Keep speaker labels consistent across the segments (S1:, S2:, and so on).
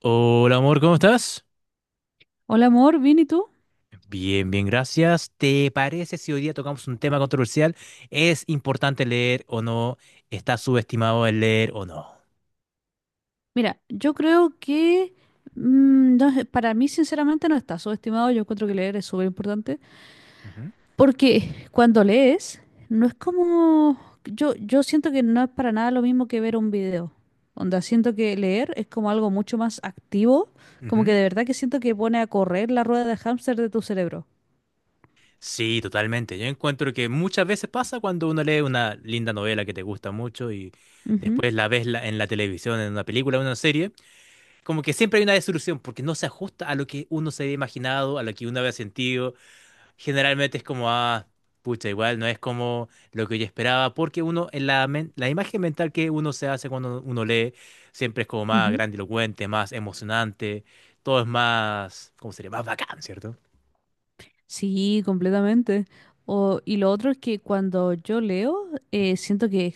S1: Hola amor, ¿cómo estás?
S2: Hola amor, ¿bien y tú?
S1: Bien, bien, gracias. ¿Te parece si hoy día tocamos un tema controversial? ¿Es importante leer o no? ¿Está subestimado el leer o no?
S2: Mira, yo creo que no sé, para mí sinceramente no está subestimado, yo encuentro que leer es súper importante,
S1: Ujú,
S2: porque cuando lees no es como, yo siento que no es para nada lo mismo que ver un video, onda, siento que leer es como algo mucho más activo, como que
S1: ujú.
S2: de verdad que siento que pone a correr la rueda de hámster de tu cerebro.
S1: Sí, totalmente. Yo encuentro que muchas veces pasa cuando uno lee una linda novela que te gusta mucho y
S2: Ujú,
S1: después la ves en la televisión, en una película, en una serie, como que siempre hay una desilusión porque no se ajusta a lo que uno se había imaginado, a lo que uno había sentido generalmente es como, ah, pucha, igual no es como lo que yo esperaba, porque uno, la imagen mental que uno se hace cuando uno lee, siempre es como más
S2: ujú.
S1: grandilocuente, más emocionante, todo es más, ¿cómo sería? Más bacán, ¿cierto?
S2: Sí, completamente. Y lo otro es que cuando yo leo, siento que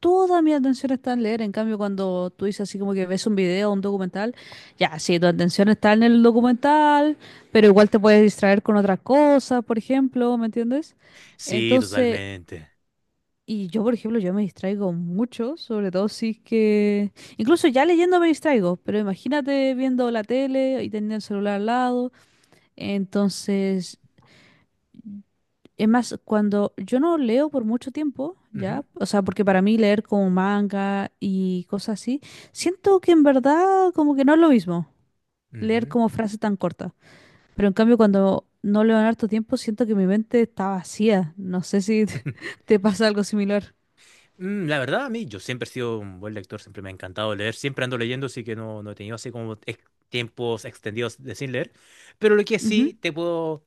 S2: toda mi atención está en leer. En cambio, cuando tú dices así como que ves un video, un documental, ya, sí, tu atención está en el documental, pero igual te puedes distraer con otras cosas, por ejemplo, ¿me entiendes?
S1: Sí,
S2: Entonces,
S1: totalmente.
S2: y yo, por ejemplo, yo me distraigo mucho, sobre todo si es que... Incluso ya leyendo me distraigo, pero imagínate viendo la tele y teniendo el celular al lado. Entonces... Es más, cuando yo no leo por mucho tiempo,
S1: Ujú,
S2: ya, o sea, porque para mí leer como manga y cosas así, siento que en verdad como que no es lo mismo leer
S1: ujú.
S2: como frases tan cortas. Pero en cambio, cuando no leo en harto tiempo, siento que mi mente está vacía. No sé si te, te pasa algo similar.
S1: La verdad, a mí, yo siempre he sido un buen lector, siempre me ha encantado leer, siempre ando leyendo, así que no, no he tenido así como tiempos extendidos de sin leer, pero lo que sí te puedo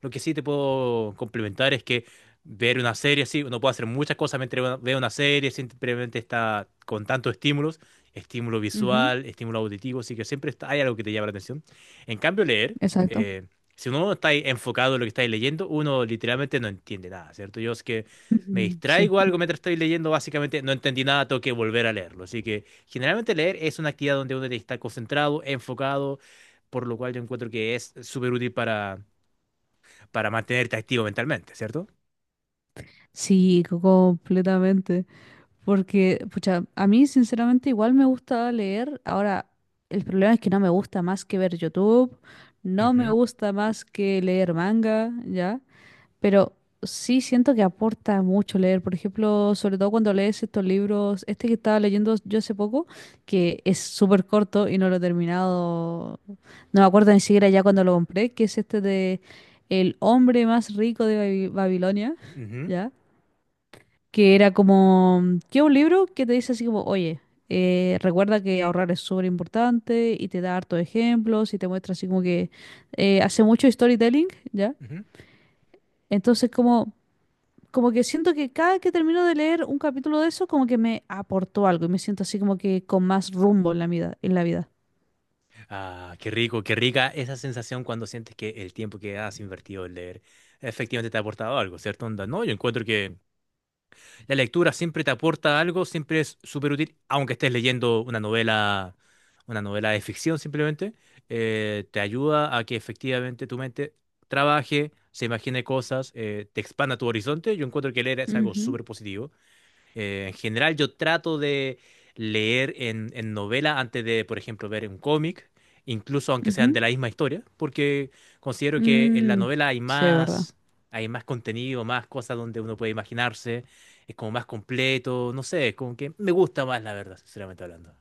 S1: lo que sí te puedo complementar es que ver una serie, sí, uno puede hacer muchas cosas mientras ve una serie, simplemente está con tantos estímulos, estímulo
S2: Ujú, ujú.
S1: visual, estímulo auditivo, así que hay algo que te llama la atención. En cambio, leer,
S2: Exacto.
S1: eh, si uno no está ahí enfocado en lo que está ahí leyendo, uno literalmente no entiende nada, ¿cierto? Yo es que me
S2: Ujú. Sí.
S1: distraigo algo mientras estoy leyendo, básicamente no entendí nada, tengo que volver a leerlo. Así que generalmente leer es una actividad donde uno está concentrado, enfocado, por lo cual yo encuentro que es súper útil para mantenerte activo mentalmente, ¿cierto?
S2: Sí, completamente. Porque, pucha, a mí sinceramente igual me gusta leer. Ahora, el problema es que no me gusta más que ver YouTube, no me
S1: Ujú,
S2: gusta más que leer manga, ¿ya? Pero sí siento que aporta mucho leer. Por ejemplo, sobre todo cuando lees estos libros, este que estaba leyendo yo hace poco, que es súper corto y no lo he terminado, no me acuerdo ni siquiera ya cuando lo compré, que es este de El hombre más rico de Babilonia,
S1: ujú,
S2: ¿ya? Que era como, que un libro que te dice así como, oye, recuerda que ahorrar es súper importante y te da hartos ejemplos y te muestra así como que hace mucho storytelling, ¿ya?
S1: ujú.
S2: Entonces como, como que siento que cada que termino de leer un capítulo de eso, como que me aportó algo y me siento así como que con más rumbo en la vida, en la vida.
S1: Ah, qué rico, qué rica esa sensación cuando sientes que el tiempo que has invertido en leer efectivamente te ha aportado algo, ¿cierto? Onda, no, yo encuentro que la lectura siempre te aporta algo, siempre es súper útil, aunque estés leyendo una novela de ficción simplemente, te ayuda a que efectivamente tu mente trabaje, se imagine cosas, te expanda tu horizonte. Yo encuentro que leer es algo
S2: Ujú,
S1: súper positivo. En general, yo trato de leer en novela antes de, por ejemplo, ver un cómic, incluso aunque sean
S2: ujú.
S1: de la misma historia, porque considero que en la
S2: Mm,
S1: novela hay
S2: sí, es verdad.
S1: más, hay más contenido, más cosas donde uno puede imaginarse, es como más completo, no sé, es como que me gusta más, la verdad, sinceramente hablando.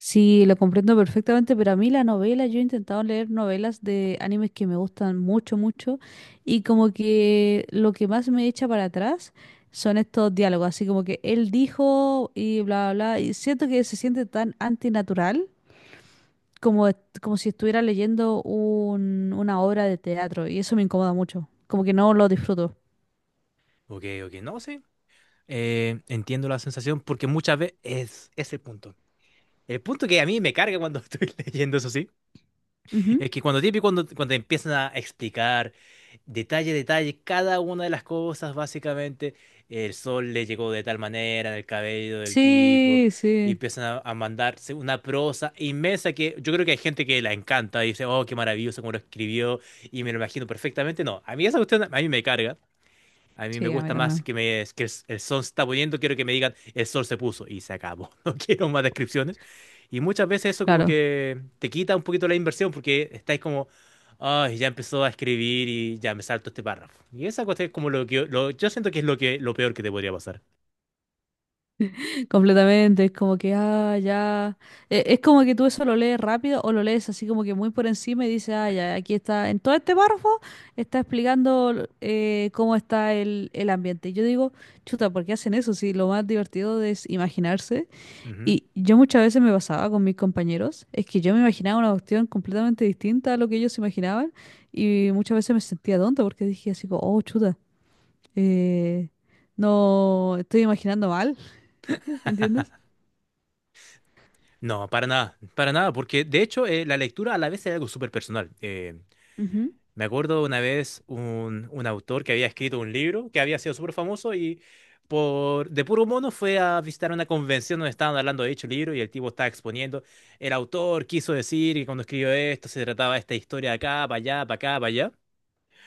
S2: Sí, lo comprendo perfectamente, pero a mí la novela, yo he intentado leer novelas de animes que me gustan mucho, mucho, y como que lo que más me echa para atrás son estos diálogos, así como que él dijo y bla, bla, bla, y siento que se siente tan antinatural como, como si estuviera leyendo una obra de teatro, y eso me incomoda mucho, como que no lo disfruto.
S1: Ok, ok, no, sí. Entiendo la sensación porque muchas veces es el punto. El punto que a mí me carga cuando estoy leyendo, eso sí.
S2: Ujú.
S1: Es que cuando típico, cuando te empiezan a explicar detalle a detalle cada una de las cosas, básicamente, el sol le llegó de tal manera, en el cabello del tipo,
S2: Sí,
S1: y
S2: sí,
S1: empiezan a mandarse una prosa inmensa que yo creo que hay gente que la encanta y dice, oh, qué maravilloso cómo lo escribió, y me lo imagino perfectamente. No, a mí esa cuestión, a mí me carga. A mí me
S2: sí, a mí
S1: gusta más
S2: también,
S1: que el sol se está poniendo, quiero que me digan el sol se puso y se acabó. No quiero más descripciones. Y muchas veces eso como
S2: claro.
S1: que te quita un poquito la inversión porque estáis como, ay, ya empezó a escribir y ya me salto este párrafo. Y esa cuestión es como lo que yo, lo- yo siento que es lo que lo peor que te podría pasar.
S2: Completamente, es como que, ah, ya. Es como que tú eso lo lees rápido o lo lees así como que muy por encima y dices, ah, ya, aquí está, en todo este párrafo está explicando cómo está el ambiente. Y yo digo, chuta, ¿por qué hacen eso? Si lo más divertido es imaginarse.
S1: Ujú.
S2: Y yo muchas veces me pasaba con mis compañeros, es que yo me imaginaba una cuestión completamente distinta a lo que ellos se imaginaban y muchas veces me sentía tonta porque dije así, como, oh, chuta, eh, no, estoy imaginando mal, ¿me entiendes?
S1: No, para nada, porque de hecho la lectura a la vez es algo súper personal.
S2: Ujú.
S1: Me acuerdo una vez un autor que había escrito un libro que había sido súper famoso y por de puro mono fue a visitar una convención donde estaban hablando de dicho libro y el tipo estaba exponiendo. El autor quiso decir que cuando escribió esto se trataba de esta historia de acá, para allá, para acá, para allá.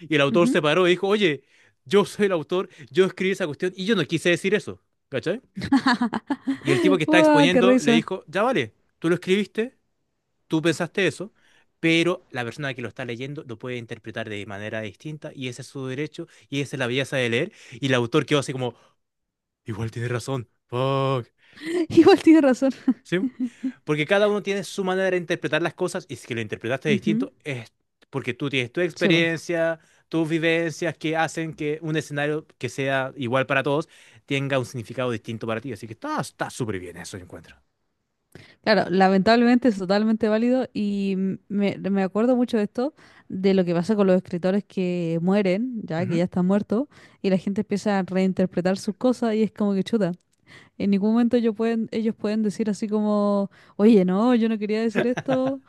S1: Y el autor se
S2: Ujú.
S1: paró y dijo, oye, yo soy el autor, yo escribí esa cuestión y yo no quise decir eso. ¿Cachai? Y el tipo que estaba
S2: Uah, ¡qué
S1: exponiendo le
S2: risa!
S1: dijo, ya vale, tú lo escribiste, tú pensaste eso, pero la persona que lo está leyendo lo puede interpretar de manera distinta y ese es su derecho y esa es la belleza de leer y el autor quedó así como, igual tiene razón, fuck,
S2: Igual tiene razón.
S1: ¿sí? Porque cada uno tiene su manera de interpretar las cosas y si lo interpretaste
S2: Ujú.
S1: distinto es porque tú tienes tu
S2: Sí, po.
S1: experiencia, tus vivencias que hacen que un escenario que sea igual para todos tenga un significado distinto para ti. Así que está súper bien eso, yo encuentro.
S2: Claro, lamentablemente es totalmente válido y me, me acuerdo mucho de esto, de lo que pasa con los escritores que mueren, ya que
S1: Ujú,
S2: ya están muertos, y la gente empieza a reinterpretar sus cosas y es como que chuta. En ningún momento ellos pueden decir así como, oye, no, yo no quería decir esto.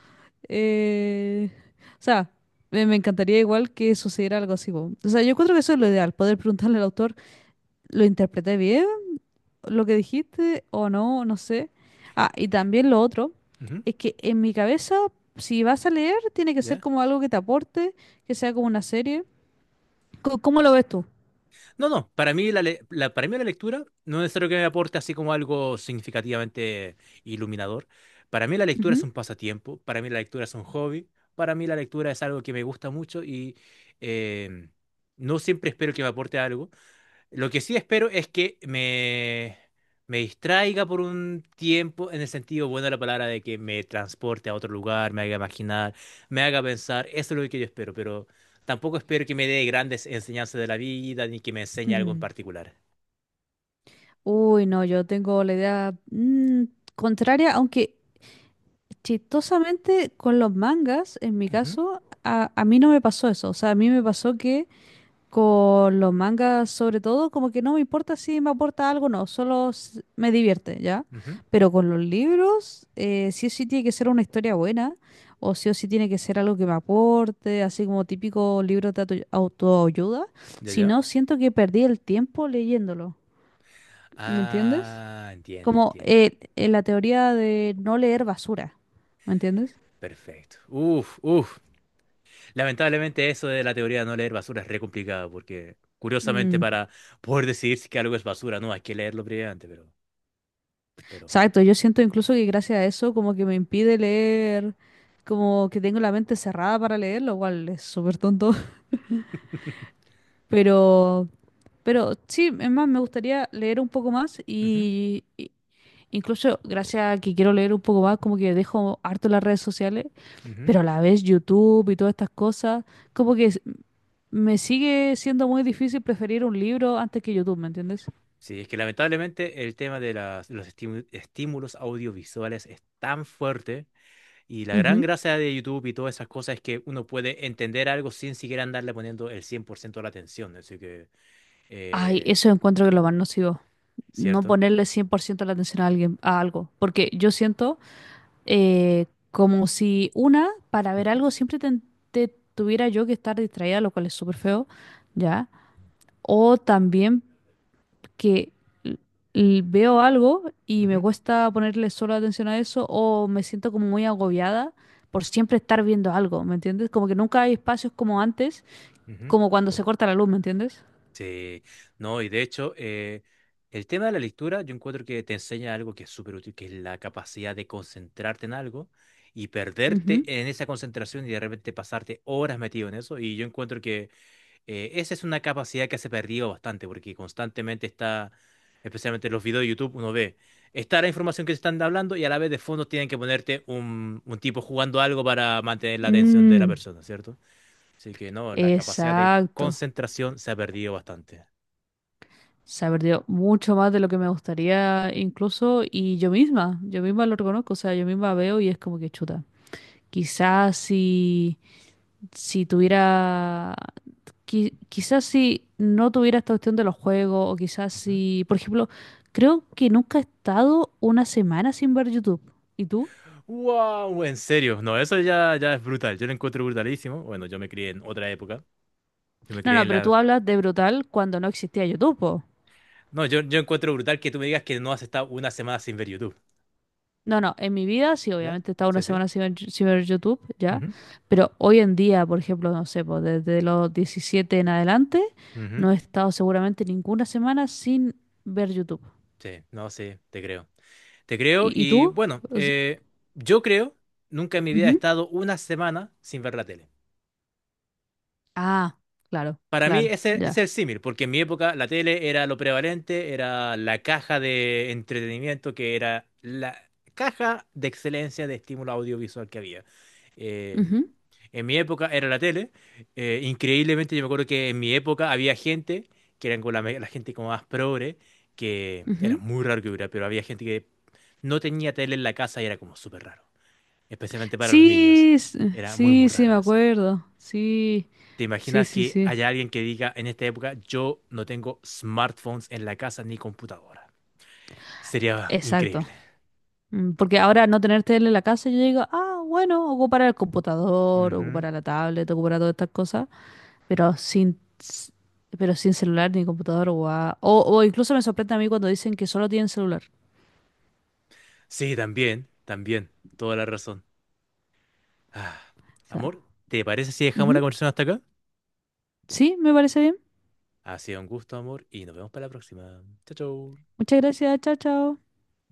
S2: eh, O sea, me encantaría igual que sucediera algo así, po. O sea, yo creo que eso es lo ideal, poder preguntarle al autor. ¿Lo interpreté bien lo que dijiste o no? No sé. Ah, y también lo otro
S1: ujú,
S2: es que en mi cabeza, si vas a leer, tiene que ser
S1: ¿ya?
S2: como algo que te aporte, que sea como una serie. ¿Cómo lo ves tú?
S1: No, no, para mí la lectura no es necesario que me aporte así como algo significativamente iluminador. Para mí la lectura es
S2: Ujú.
S1: un pasatiempo, para mí la lectura es un hobby, para mí la lectura es algo que me gusta mucho y eh, no siempre espero que me aporte algo, lo que sí espero es que me distraiga por un tiempo, en el sentido bueno de la palabra, de que me transporte a otro lugar, me haga imaginar, me haga pensar. Eso es lo que yo espero, pero tampoco espero que me dé grandes enseñanzas de la vida ni que me enseñe algo en
S2: Ujú.
S1: particular.
S2: Uy, no, yo tengo la idea contraria, aunque chistosamente con los mangas, en mi
S1: Ujú,
S2: caso, a mí no me pasó eso. O sea, a mí me pasó que con los mangas, sobre todo, como que no me importa si me aporta algo o no, solo me divierte, ¿ya?
S1: ujú.
S2: Pero con los libros, sí o sí tiene que ser una historia buena, o sí tiene que ser algo que me aporte, así como típico libro de autoayuda.
S1: ¿Ya,
S2: Si
S1: ya?
S2: no, siento que perdí el tiempo leyéndolo, ¿me entiendes?
S1: Ah, entiendo,
S2: Como
S1: entiendo.
S2: la teoría de no leer basura, ¿me entiendes?
S1: Perfecto. Uf, uf. Lamentablemente eso de la teoría de no leer basura es re complicado porque, curiosamente,
S2: Mm.
S1: para poder decidir si que algo es basura, no, hay que leerlo previamente, pero.
S2: Exacto, yo siento incluso que gracias a eso como que me impide leer, como que tengo la mente cerrada para leer, lo cual es súper tonto, pero, pero sí, es más, me gustaría leer un poco más
S1: Ujú,
S2: y incluso gracias a que quiero leer un poco más, como que dejo harto las redes sociales,
S1: ujú.
S2: pero a la vez YouTube y todas estas cosas, como que me sigue siendo muy difícil preferir un libro antes que YouTube, ¿me entiendes?
S1: Sí, es que lamentablemente el tema de estímulos audiovisuales es tan fuerte y la gran
S2: Ujú.
S1: gracia de YouTube y todas esas cosas es que uno puede entender algo sin siquiera andarle poniendo el 100% de la atención. Así que,
S2: Ay,
S1: eh,
S2: eso encuentro que es lo más nocivo. No
S1: ¿cierto?
S2: ponerle 100% la atención a alguien, a algo. Porque yo siento como si una, para ver
S1: Ujú,
S2: algo, siempre te, te tuviera yo que estar distraída, lo cual es súper feo, ¿ya? O también que l- veo algo y me
S1: ujú,
S2: cuesta ponerle solo atención a eso, o me siento como muy agobiada por siempre estar viendo algo, ¿me entiendes? Como que nunca hay espacios como antes,
S1: ujú.
S2: como cuando se corta la luz, ¿me entiendes?
S1: Sí, no, y de hecho, el tema de la lectura, yo encuentro que te enseña algo que es súper útil, que es la capacidad de concentrarte en algo y perderte
S2: Ujú.
S1: en esa concentración y de repente pasarte horas metido en eso. Y yo encuentro que esa es una capacidad que se ha perdido bastante, porque constantemente está, especialmente en los videos de YouTube, uno ve, está la información que te están hablando y a la vez de fondo tienen que ponerte un tipo jugando algo para mantener la atención de la
S2: Mm,
S1: persona, ¿cierto? Así que no, la capacidad de
S2: exacto.
S1: concentración se ha perdido bastante.
S2: Se ha perdido mucho más de lo que me gustaría incluso y yo misma lo reconozco, o sea, yo misma veo y es como que chuta. Quizás si, si tuviera, quizás si no tuviera esta cuestión de los juegos o quizás
S1: Ujú.
S2: si, por ejemplo, creo que nunca he estado una semana sin ver YouTube. ¿Y tú?
S1: Wow, en serio, no, eso ya, ya es brutal, yo lo encuentro brutalísimo. Bueno, yo me crié en otra época, yo me
S2: No,
S1: crié
S2: no,
S1: en
S2: pero tú
S1: la...
S2: hablas de brutal cuando no existía YouTube, po.
S1: No, yo encuentro brutal que tú me digas que no has estado una semana sin ver YouTube,
S2: No, no, en mi vida sí,
S1: ¿ya?
S2: obviamente he estado una
S1: Sí, sí.
S2: semana sin ver, sin ver YouTube, ya,
S1: Ujú,
S2: pero hoy en día, por ejemplo, no sé, pues desde los 17 en adelante,
S1: ujú.
S2: no he estado seguramente ninguna semana sin ver YouTube.
S1: Sí, no, sí, te creo. Te creo
S2: Y
S1: y
S2: tú?
S1: bueno,
S2: Os-
S1: yo creo, nunca en mi vida he
S2: ujú.
S1: estado una semana sin ver la tele.
S2: Ah, claro,
S1: Para mí
S2: claro,
S1: ese es
S2: ya.
S1: el símil, porque en mi época la tele era lo prevalente, era la caja de entretenimiento que era la caja de excelencia de estímulo audiovisual que había. Eh, en mi época era la tele. Increíblemente yo me acuerdo que en mi época había gente, que eran como la gente como más progre, que
S2: Ujú,
S1: era
S2: ujú.
S1: muy raro que hubiera, pero había gente que no tenía tele en la casa y era como súper raro, especialmente para los niños.
S2: Sí,
S1: Era muy, muy
S2: sí, sí, me
S1: raro eso.
S2: acuerdo. Sí,
S1: ¿Te
S2: sí,
S1: imaginas
S2: sí,
S1: que
S2: sí.
S1: haya alguien que diga en esta época, yo no tengo smartphones en la casa ni computadora? Sería
S2: Exacto.
S1: increíble.
S2: Porque ahora al no tener tele en la casa, yo digo, ah, bueno, ocupará el computador,
S1: Ujú.
S2: ocupará la tablet, ocupará todas estas cosas. Pero sin, pero sin celular ni computador, guau. O incluso me sorprende a mí cuando dicen que solo tienen celular.
S1: Sí, también, también, toda la razón. Ah,
S2: O sea,
S1: amor, ¿te parece si dejamos la
S2: ujú.
S1: conversación hasta acá?
S2: Sí, me parece bien.
S1: Ha sido un gusto, amor, y nos vemos para la próxima. Chao, chao.
S2: Muchas gracias, chao, chao.